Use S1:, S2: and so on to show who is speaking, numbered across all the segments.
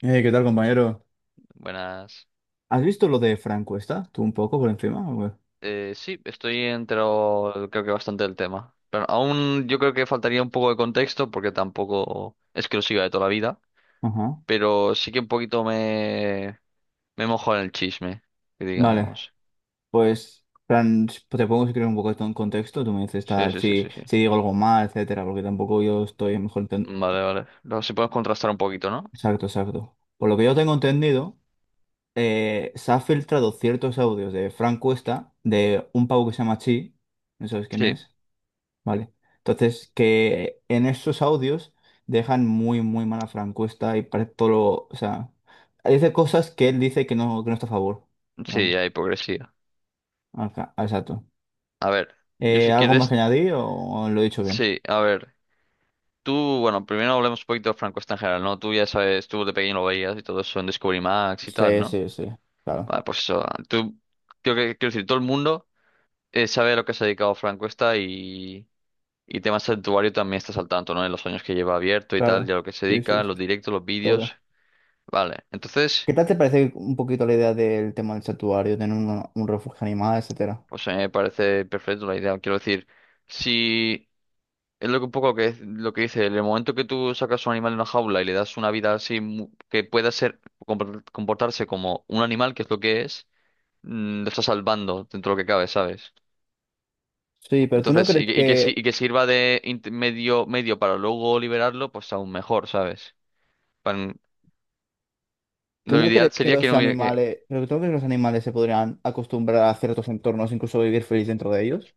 S1: ¿Qué tal, compañero?
S2: Buenas.
S1: ¿Has visto lo de Fran Cuesta? ¿Tú un poco por encima, o qué?
S2: Sí, estoy entero, creo que bastante del tema. Pero aún yo creo que faltaría un poco de contexto porque tampoco es que lo siga de toda la vida.
S1: Ajá.
S2: Pero sí que un poquito me mojo en el chisme, que
S1: Vale,
S2: digamos.
S1: pues, Fran, te pongo si quieres un poco esto en contexto. Tú me dices
S2: Sí,
S1: tal,
S2: sí, sí,
S1: si,
S2: sí, sí.
S1: si digo algo mal, etcétera, porque tampoco yo estoy mejor enten-
S2: Vale, vale. Luego si podemos contrastar un poquito, ¿no?
S1: Exacto, exacto. Por lo que yo tengo entendido, se han filtrado ciertos audios de Fran Cuesta, de un pavo que se llama Chi, ¿no sabes quién
S2: Sí,
S1: es? Vale. Entonces, que en esos audios dejan muy, muy mala francuesta y parece todo lo... O sea, dice cosas que él dice que no está a favor,
S2: sí, hay
S1: digamos.
S2: hipocresía.
S1: Acá, exacto.
S2: A ver, yo
S1: Eh,
S2: si
S1: ¿algo más que
S2: quieres,
S1: añadir o lo he dicho bien?
S2: sí, a ver. Tú, bueno, primero hablemos un poquito de Franco en general, ¿no? Tú ya sabes, tú de pequeño lo veías y todo eso en Discovery Max y tal,
S1: Sí,
S2: ¿no?
S1: sí, sí. Claro.
S2: Vale, pues eso. Tú, creo que, quiero decir, todo el mundo sabe a lo que se ha dedicado Frank Cuesta y tema santuario también estás al tanto, ¿no? En los años que lleva abierto y tal,
S1: Claro.
S2: ya lo que se
S1: Sí, sí,
S2: dedica,
S1: sí.
S2: los directos, los vídeos.
S1: Todo.
S2: Vale, entonces,
S1: ¿Qué tal te parece un poquito la idea del tema del santuario, tener un refugio animal, etcétera?
S2: pues a mí me parece perfecto la idea. Quiero decir, si es lo que un poco que, lo que dice, en el momento que tú sacas un animal de una jaula y le das una vida así que pueda ser comportarse como un animal, que es lo que es, lo estás salvando dentro de lo que cabe, ¿sabes?
S1: Sí, pero
S2: Entonces, y que y que sirva de medio para luego liberarlo, pues aún mejor, ¿sabes? Pan-
S1: ¿Tú
S2: lo
S1: no
S2: ideal
S1: crees que
S2: sería que
S1: los
S2: no hubiera que...
S1: animales, pero tú no crees que los animales se podrían acostumbrar a ciertos entornos, incluso vivir feliz dentro de ellos?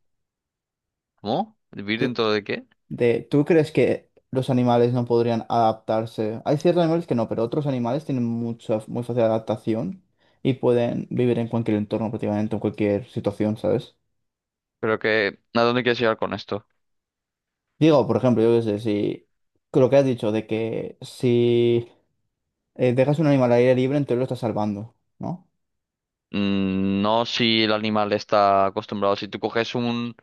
S2: ¿Cómo? ¿Vivir
S1: ¿Tú,
S2: dentro de qué?
S1: ¿tú crees que los animales no podrían adaptarse? Hay ciertos animales que no, pero otros animales tienen muy fácil adaptación y pueden vivir en cualquier entorno, prácticamente en cualquier situación, ¿sabes?
S2: Pero que... ¿A dónde quieres llegar con esto?
S1: Digo, por ejemplo, yo qué sé, si con lo que has dicho de que si dejas un animal al aire libre, entonces lo estás salvando, ¿no?
S2: No si el animal está acostumbrado. Si tú coges un,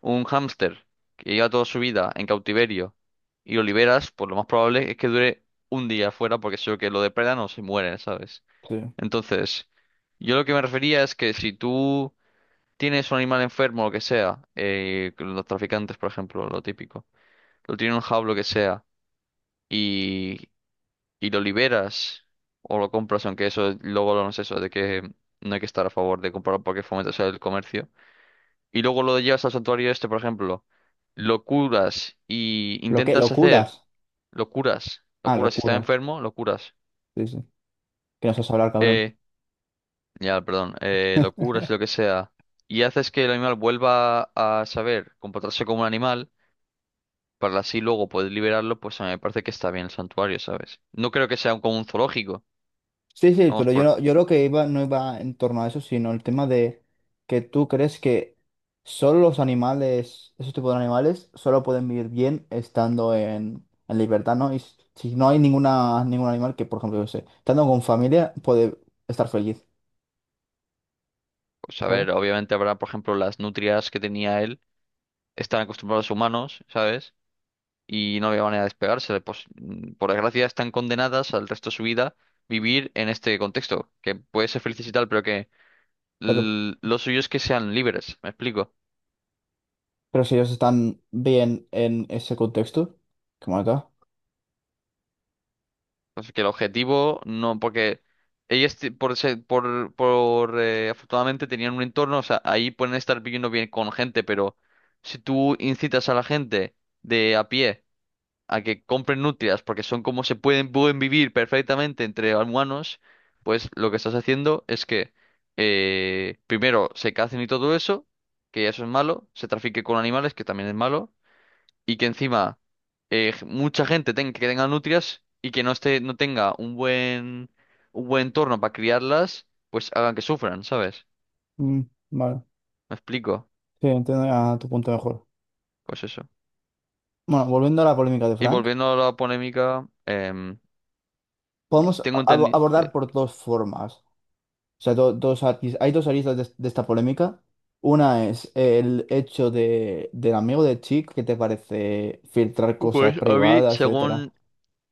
S2: un hámster que lleva toda su vida en cautiverio y lo liberas, pues lo más probable es que dure un día afuera porque seguro que lo depredan o se muere, ¿sabes?
S1: Sí.
S2: Entonces, yo lo que me refería es que si tú tienes un animal enfermo, lo que sea, los traficantes, por ejemplo, lo típico, lo tienen en un jaulo, lo que sea, y, y lo liberas o lo compras, aunque eso luego lo no es eso, de que no hay que estar a favor de comprarlo porque fomentas el comercio, y luego lo llevas al santuario este, por ejemplo, lo curas y intentas
S1: Lo
S2: hacer,
S1: cuidas.
S2: lo curas si está
S1: Locuras.
S2: enfermo, lo curas,
S1: Sí, sí. Que no sabes hablar, cabrón.
S2: eh, ya, perdón, lo curas, lo que sea. Y haces que el animal vuelva a saber comportarse como un animal, para así luego poder liberarlo, pues a mí me parece que está bien el santuario, ¿sabes? No creo que sea como un zoológico.
S1: Sí, sí,
S2: Vamos,
S1: pero yo, no- yo lo que iba no iba en torno a eso, sino el tema de que tú crees que solo los animales, esos tipos de animales, solo pueden vivir bien estando en libertad, ¿no? Y si no hay ningún animal que, por ejemplo, yo sé, estando con familia puede estar feliz,
S2: pues a
S1: ¿sabes?
S2: ver, obviamente habrá, por ejemplo, las nutrias que tenía él, están acostumbrados a humanos, ¿sabes? Y no había manera de despegarse. Pues, por desgracia, están condenadas al resto de su vida vivir en este contexto, que puede ser felices y tal, pero que
S1: Pero,
S2: lo suyo es que sean libres, ¿me explico?
S1: pero si ellos están bien en ese contexto, como acá.
S2: Así que el objetivo no, porque ellas ti- por, se- por afortunadamente tenían un entorno, o sea, ahí pueden estar viviendo bien con gente, pero si tú incitas a la gente de a pie a que compren nutrias porque son como pueden vivir perfectamente entre humanos, pues lo que estás haciendo es que primero se cacen y todo eso, que eso es malo, se trafique con animales, que también es malo y que encima mucha gente tenga, que tenga nutrias y que no esté, no tenga un buen, entorno para criarlas, pues hagan que sufran, ¿sabes?
S1: Mm, vale,
S2: ¿Me explico?
S1: sí, entiendo ya tu punto mejor.
S2: Pues eso.
S1: Bueno, volviendo a la polémica de
S2: Y
S1: Frank,
S2: volviendo a la polémica,
S1: podemos
S2: tengo entendido
S1: abordar
S2: que...
S1: por dos formas. O sea, hay dos aristas de esta polémica. Una es el hecho del amigo de Chick, que te parece filtrar cosas
S2: Pues a mí,
S1: privadas, etcétera.
S2: según,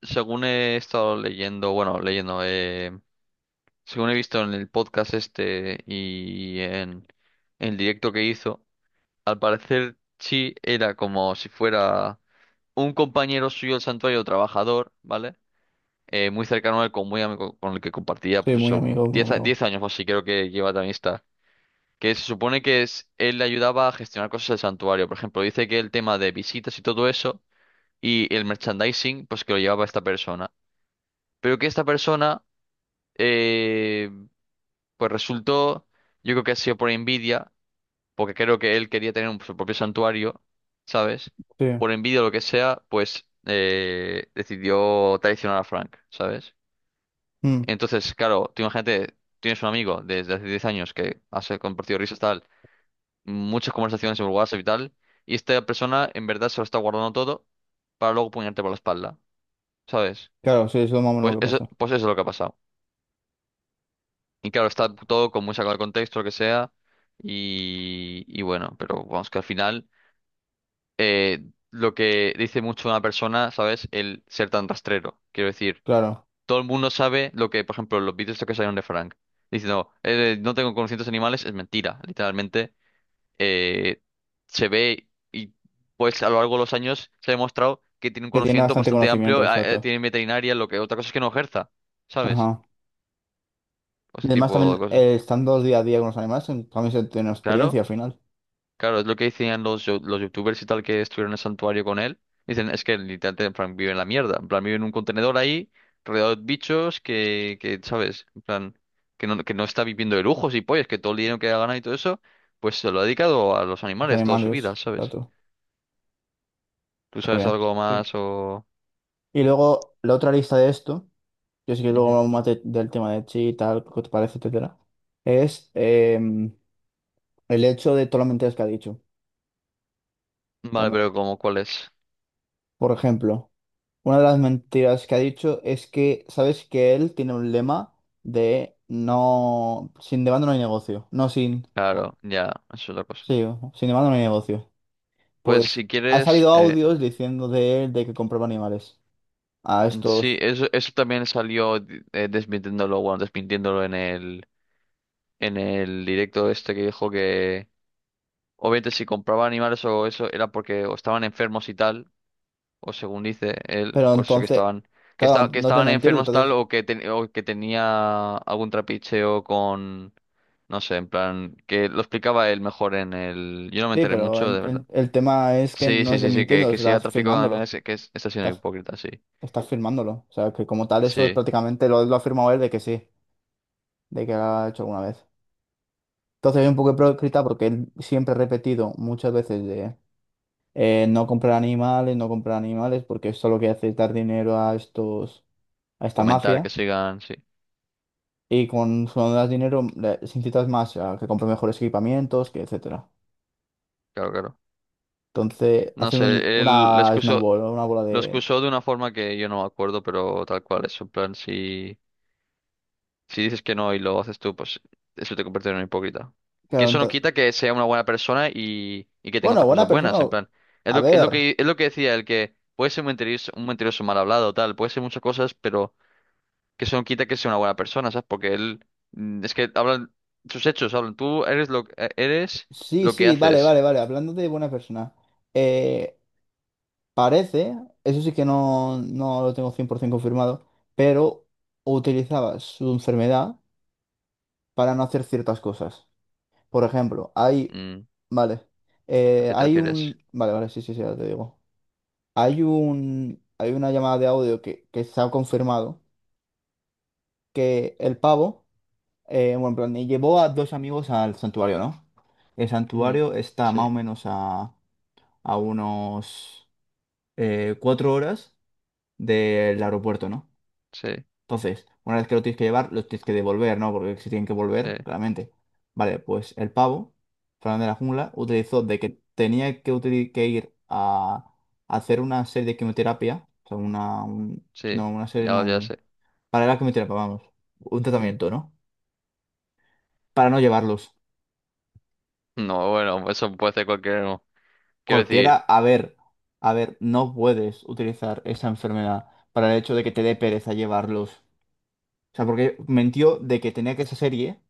S2: según he estado leyendo, bueno, leyendo, según he visto en el podcast este y en el directo que hizo, al parecer sí era como si fuera... un compañero suyo del santuario, trabajador, ¿vale? Muy cercano a él, muy amigo, con el que compartía,
S1: Sí,
S2: pues
S1: muy
S2: eso,
S1: amigo, muy amigo.
S2: 10 años o así creo que lleva de amistad. Que se supone que es, él le ayudaba a gestionar cosas del santuario. Por ejemplo, dice que el tema de visitas y todo eso, y el merchandising, pues que lo llevaba esta persona. Pero que esta persona, eh, pues resultó, yo creo que ha sido por envidia, porque creo que él quería tener su propio santuario, ¿sabes?
S1: Sí.
S2: Por envidia o lo que sea, pues decidió traicionar a Frank, ¿sabes?
S1: Mm,
S2: Entonces, claro, tú imagínate, tienes un amigo desde hace 10 años que has compartido risas tal, muchas conversaciones en WhatsApp y tal, y esta persona en verdad se lo está guardando todo para luego puñarte por la espalda, ¿sabes?
S1: claro, sí, eso es más o menos lo que pasó.
S2: Pues eso es lo que ha pasado. Y claro, está todo con muy sacado de contexto, lo que sea, y bueno, pero vamos que al final... eh, lo que dice mucho una persona, ¿sabes? El ser tan rastrero. Quiero decir,
S1: Claro,
S2: todo el mundo sabe lo que, por ejemplo, los vídeos estos que salieron de Frank. Diciendo, no tengo conocimientos animales, es mentira. Literalmente, eh, se ve y pues a lo largo de los años se ha demostrado que tiene un
S1: que tiene
S2: conocimiento
S1: bastante
S2: bastante
S1: conocimiento,
S2: amplio, ah,
S1: exacto.
S2: tiene veterinaria, lo que otra cosa es que no ejerza, ¿sabes?
S1: Ajá.
S2: O
S1: Y
S2: ese
S1: además
S2: tipo de
S1: también
S2: cosas.
S1: estando día a día con los animales, también se tiene experiencia
S2: Claro.
S1: al final.
S2: Claro, es lo que decían los youtubers y tal que estuvieron en el santuario con él. Dicen, es que literalmente en plan, vive en la mierda. En plan, vive en un contenedor ahí, rodeado de bichos que ¿sabes? En plan, que no está viviendo de lujos y pollas, que todo el dinero que ha ganado y todo eso, pues se lo ha dedicado a los
S1: Los
S2: animales toda su vida,
S1: animales,
S2: ¿sabes?
S1: exacto.
S2: ¿Tú
S1: Está
S2: sabes
S1: bien.
S2: algo
S1: Sí.
S2: más o...?
S1: Y luego la otra lista de esto. Yo sí que luego
S2: Ujú.
S1: hablamos más del tema de chi y tal, qué te parece, etcétera, es el hecho de todas las mentiras que ha dicho
S2: ¿Vale,
S1: también.
S2: pero como cuál es?
S1: Por ejemplo, una de las mentiras que ha dicho es que, ¿sabes que él tiene un lema de no, sin demanda no hay negocio, no sin, o-
S2: Claro, ya, eso es la cosa.
S1: sí, sin demanda no hay negocio.
S2: Pues
S1: Pues
S2: si
S1: ha
S2: quieres,
S1: salido audios diciendo de él de que compraba animales a
S2: sí,
S1: estos,
S2: eso también salió desmintiéndolo, bueno, desmintiéndolo en el directo este que dijo que obviamente si compraba animales o eso era porque o estaban enfermos y tal, o según dice él,
S1: pero
S2: por eso que
S1: entonces,
S2: estaban
S1: claro,
S2: que
S1: no es de
S2: estaban
S1: mentirlo,
S2: enfermos tal
S1: entonces.
S2: o o que tenía algún trapicheo con no sé, en plan que lo explicaba él mejor en el yo no me
S1: Sí,
S2: enteré
S1: pero
S2: mucho,
S1: el,
S2: de
S1: el-
S2: verdad.
S1: el tema es que
S2: Sí,
S1: no
S2: sí,
S1: es de
S2: sí, sí, que,
S1: mintiendo
S2: que sea
S1: estás
S2: tráfico con
S1: firmándolo.
S2: animales, que es, está siendo
S1: Estás,
S2: hipócrita, sí.
S1: estás firmándolo. O sea, que como tal, eso es
S2: Sí,
S1: prácticamente lo ha firmado él de que sí, de que lo ha hecho alguna vez. Entonces, es un poco hipócrita porque él siempre ha repetido muchas veces de no comprar animales, no comprar animales, porque eso lo que hace es dar dinero a esta
S2: fomentar que
S1: mafia.
S2: sigan, sí,
S1: Y con su das dinero, se incitas más a que compre mejores equipamientos, que etcétera.
S2: claro, claro.
S1: Entonces,
S2: No
S1: hace
S2: sé,
S1: una bola
S2: lo
S1: de.
S2: excusó de una forma que yo no me acuerdo, pero tal cual es. En plan, si dices que no y lo haces tú, pues eso te convierte en un hipócrita. Que
S1: Claro,
S2: eso no
S1: ento-
S2: quita que sea una buena persona y que tenga
S1: Bueno,
S2: otras
S1: buena
S2: cosas
S1: persona.
S2: buenas. En plan, es
S1: A
S2: lo, es lo
S1: ver,
S2: que, es lo que decía el que puede ser un mentiroso mal hablado, tal, puede ser muchas cosas, pero que eso no quita que sea una buena persona, ¿sabes? Porque él, es que hablan, sus hechos hablan, tú eres
S1: sí,
S2: lo que
S1: sí, vale,
S2: haces.
S1: vale, vale. Hablando de buena persona, eh, parece, eso sí que no lo tengo 100% confirmado, pero utilizaba su enfermedad para no hacer ciertas cosas. Por ejemplo, hay,
S2: Mm,
S1: vale,
S2: ¿A qué te
S1: hay
S2: refieres?
S1: un, vale, vale, sí, sí, sí, ahora te digo. Hay una llamada de audio que se ha confirmado que el pavo. Bueno, en plan, y llevó a dos amigos al santuario, ¿no? El
S2: Ujú.
S1: santuario está más o
S2: Sí,
S1: menos a unos 4 horas del aeropuerto, ¿no?
S2: sí,
S1: Entonces, una vez que lo tienes que llevar, los tienes que devolver, ¿no? Porque si tienen que
S2: sí,
S1: volver, claramente. Vale, pues el pavo, Fernando de la Jungla, utilizó de que tenía que ir a hacer una serie de quimioterapia, o sea,
S2: sí.
S1: no,
S2: Ya,
S1: no,
S2: ya sé.
S1: para la quimioterapia, vamos, un
S2: Sí.
S1: tratamiento, ¿no? Para no llevarlos.
S2: No, bueno, pues eso puede ser cualquier uno. Quiero
S1: Cualquiera,
S2: decir,
S1: a ver, no puedes utilizar esa enfermedad para el hecho de que te dé pereza llevarlos. O sea, porque mentió de que tenía que esa serie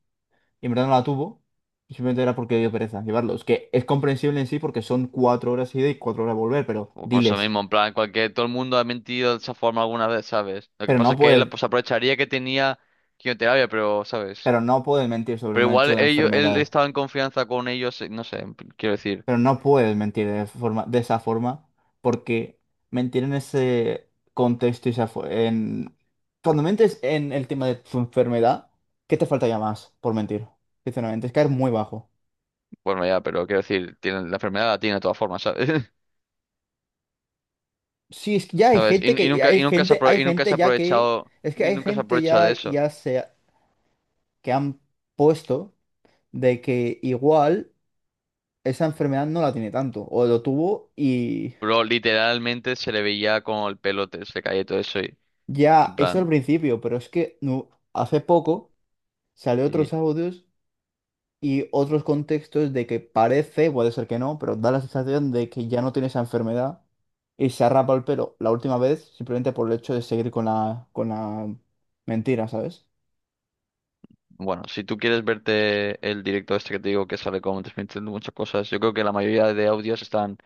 S1: y en verdad no la tuvo. Y simplemente era porque dio pereza llevarlos. Que es comprensible en sí porque son 4 horas ida y 4 horas volver, pero
S2: o por eso
S1: diles.
S2: mismo, en plan, todo el mundo ha mentido de esa forma alguna vez, ¿sabes? Lo que
S1: Pero
S2: pasa
S1: no
S2: es que él
S1: puedes,
S2: pues, aprovecharía que tenía quimioterapia, pero, ¿sabes?
S1: pero no puedes mentir sobre
S2: Pero
S1: un hecho
S2: igual
S1: de
S2: ellos, él
S1: enfermedad.
S2: estaba en confianza con ellos, no sé, quiero decir,
S1: Pero no puedes mentir de esa forma, porque mentir en ese contexto y esa fo- en cuando mentes en el tema de tu enfermedad, ¿qué te falta ya más por mentir? Sinceramente, es caer muy bajo.
S2: bueno, ya, pero quiero decir, la enfermedad la tiene de todas formas, ¿sabes?
S1: Sí, es que ya hay
S2: ¿Sabes? Y,
S1: gente
S2: y nunca, y nunca se ha
S1: ya que
S2: aprovechado,
S1: es que
S2: ni
S1: hay
S2: nunca se ha
S1: gente
S2: aprovechado de
S1: ya
S2: eso.
S1: se que han puesto de que igual esa enfermedad no la tiene tanto o lo tuvo y
S2: Pero literalmente se le veía con el pelo, se le caía y todo eso y,
S1: ya
S2: en
S1: eso al
S2: plan.
S1: principio, pero es que no, hace poco salió otros audios y otros contextos de que parece, puede ser que no, pero da la sensación de que ya no tiene esa enfermedad y se ha rapado el pelo la última vez simplemente por el hecho de seguir con la mentira, ¿sabes?
S2: Bueno, si tú quieres verte el directo este que te digo que sale como transmitiendo muchas cosas, yo creo que la mayoría de audios están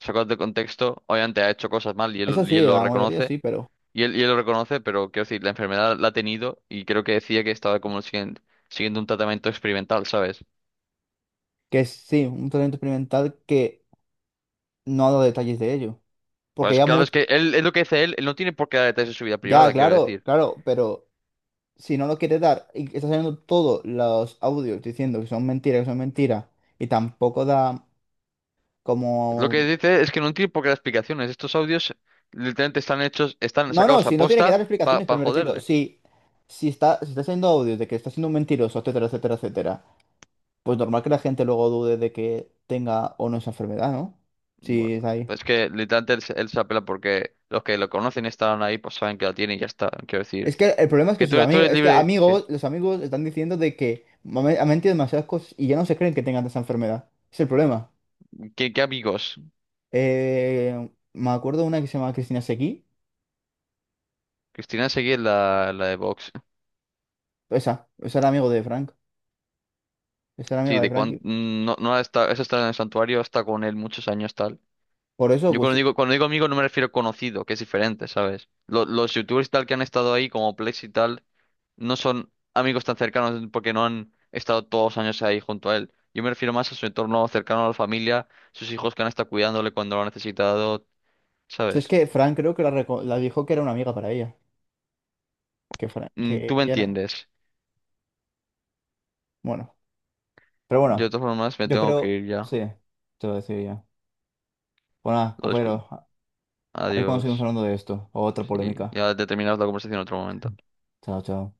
S2: sacados de contexto. Obviamente ha hecho cosas mal y él,
S1: Eso
S2: y
S1: sí,
S2: él lo
S1: la mayoría
S2: reconoce.
S1: sí, pero
S2: Y él lo reconoce, pero quiero decir, la enfermedad la ha tenido y creo que decía que estaba como siguiendo un tratamiento experimental, ¿sabes?
S1: que sí, un tratamiento experimental que no ha dado detalles de ello. Porque
S2: Pues
S1: ya
S2: claro,
S1: mucho,
S2: es lo que dice él, no tiene por qué dar detalles de su vida
S1: ya,
S2: privada, quiero
S1: claro,
S2: decir.
S1: claro, pero si no lo quiere dar y está saliendo todos los audios diciendo que son mentiras, y tampoco da
S2: Lo
S1: como.
S2: que dice es que no tiene por qué dar explicaciones. Estos audios literalmente están hechos, están
S1: No, no,
S2: sacados a
S1: si no tiene que
S2: posta
S1: dar explicaciones,
S2: para
S1: pero me refiero,
S2: joderle.
S1: si está haciendo audios de que está siendo un mentiroso, etcétera, etcétera, etcétera, pues normal que la gente luego dude de que tenga o no esa enfermedad, ¿no? Sí,
S2: Bueno,
S1: es ahí.
S2: es que literalmente él se apela porque los que lo conocen y están ahí, pues saben que la tiene y ya está. Quiero
S1: Es
S2: decir,
S1: que el problema es que
S2: que tú
S1: sus
S2: eres, tú
S1: amigos,
S2: eres
S1: es que
S2: libre. ¿Qué,
S1: amigos, los amigos están diciendo de que ha mentido demasiadas cosas y ya no se creen que tengan esa enfermedad. Es el problema.
S2: qué, qué amigos?
S1: Me acuerdo de una que se llama Cristina Seguí,
S2: Cristina Seguí es la de Vox.
S1: esa, esa era amigo de Frank, esa era
S2: Sí,
S1: amiga de
S2: de
S1: Frank.
S2: cuando
S1: Y
S2: no, no está, eso está en el santuario, está con él muchos años tal.
S1: por eso,
S2: Yo cuando
S1: pues,
S2: digo, cuando digo amigo no me refiero a conocido, que es diferente, ¿sabes? Los youtubers y tal que han estado ahí, como Plex y tal, no son amigos tan cercanos porque no han estado todos los años ahí junto a él. Yo me refiero más a su entorno cercano a la familia, sus hijos que han estado cuidándole cuando lo han necesitado,
S1: es
S2: ¿sabes?
S1: que Frank creo que la dijo que era una amiga para ella. Que fuera, que
S2: Tú me
S1: ya era,
S2: entiendes.
S1: bueno, pero
S2: Yo de
S1: bueno,
S2: todas formas me
S1: yo
S2: tengo que
S1: creo,
S2: ir ya.
S1: sí, te lo decía ya. Bueno, nada,
S2: Lo
S1: compañeros,
S2: discu-
S1: a ver cuándo seguimos
S2: Adiós.
S1: hablando de esto, o otra
S2: Sí,
S1: polémica.
S2: ya te terminamos la conversación en otro momento.
S1: Chao, chao.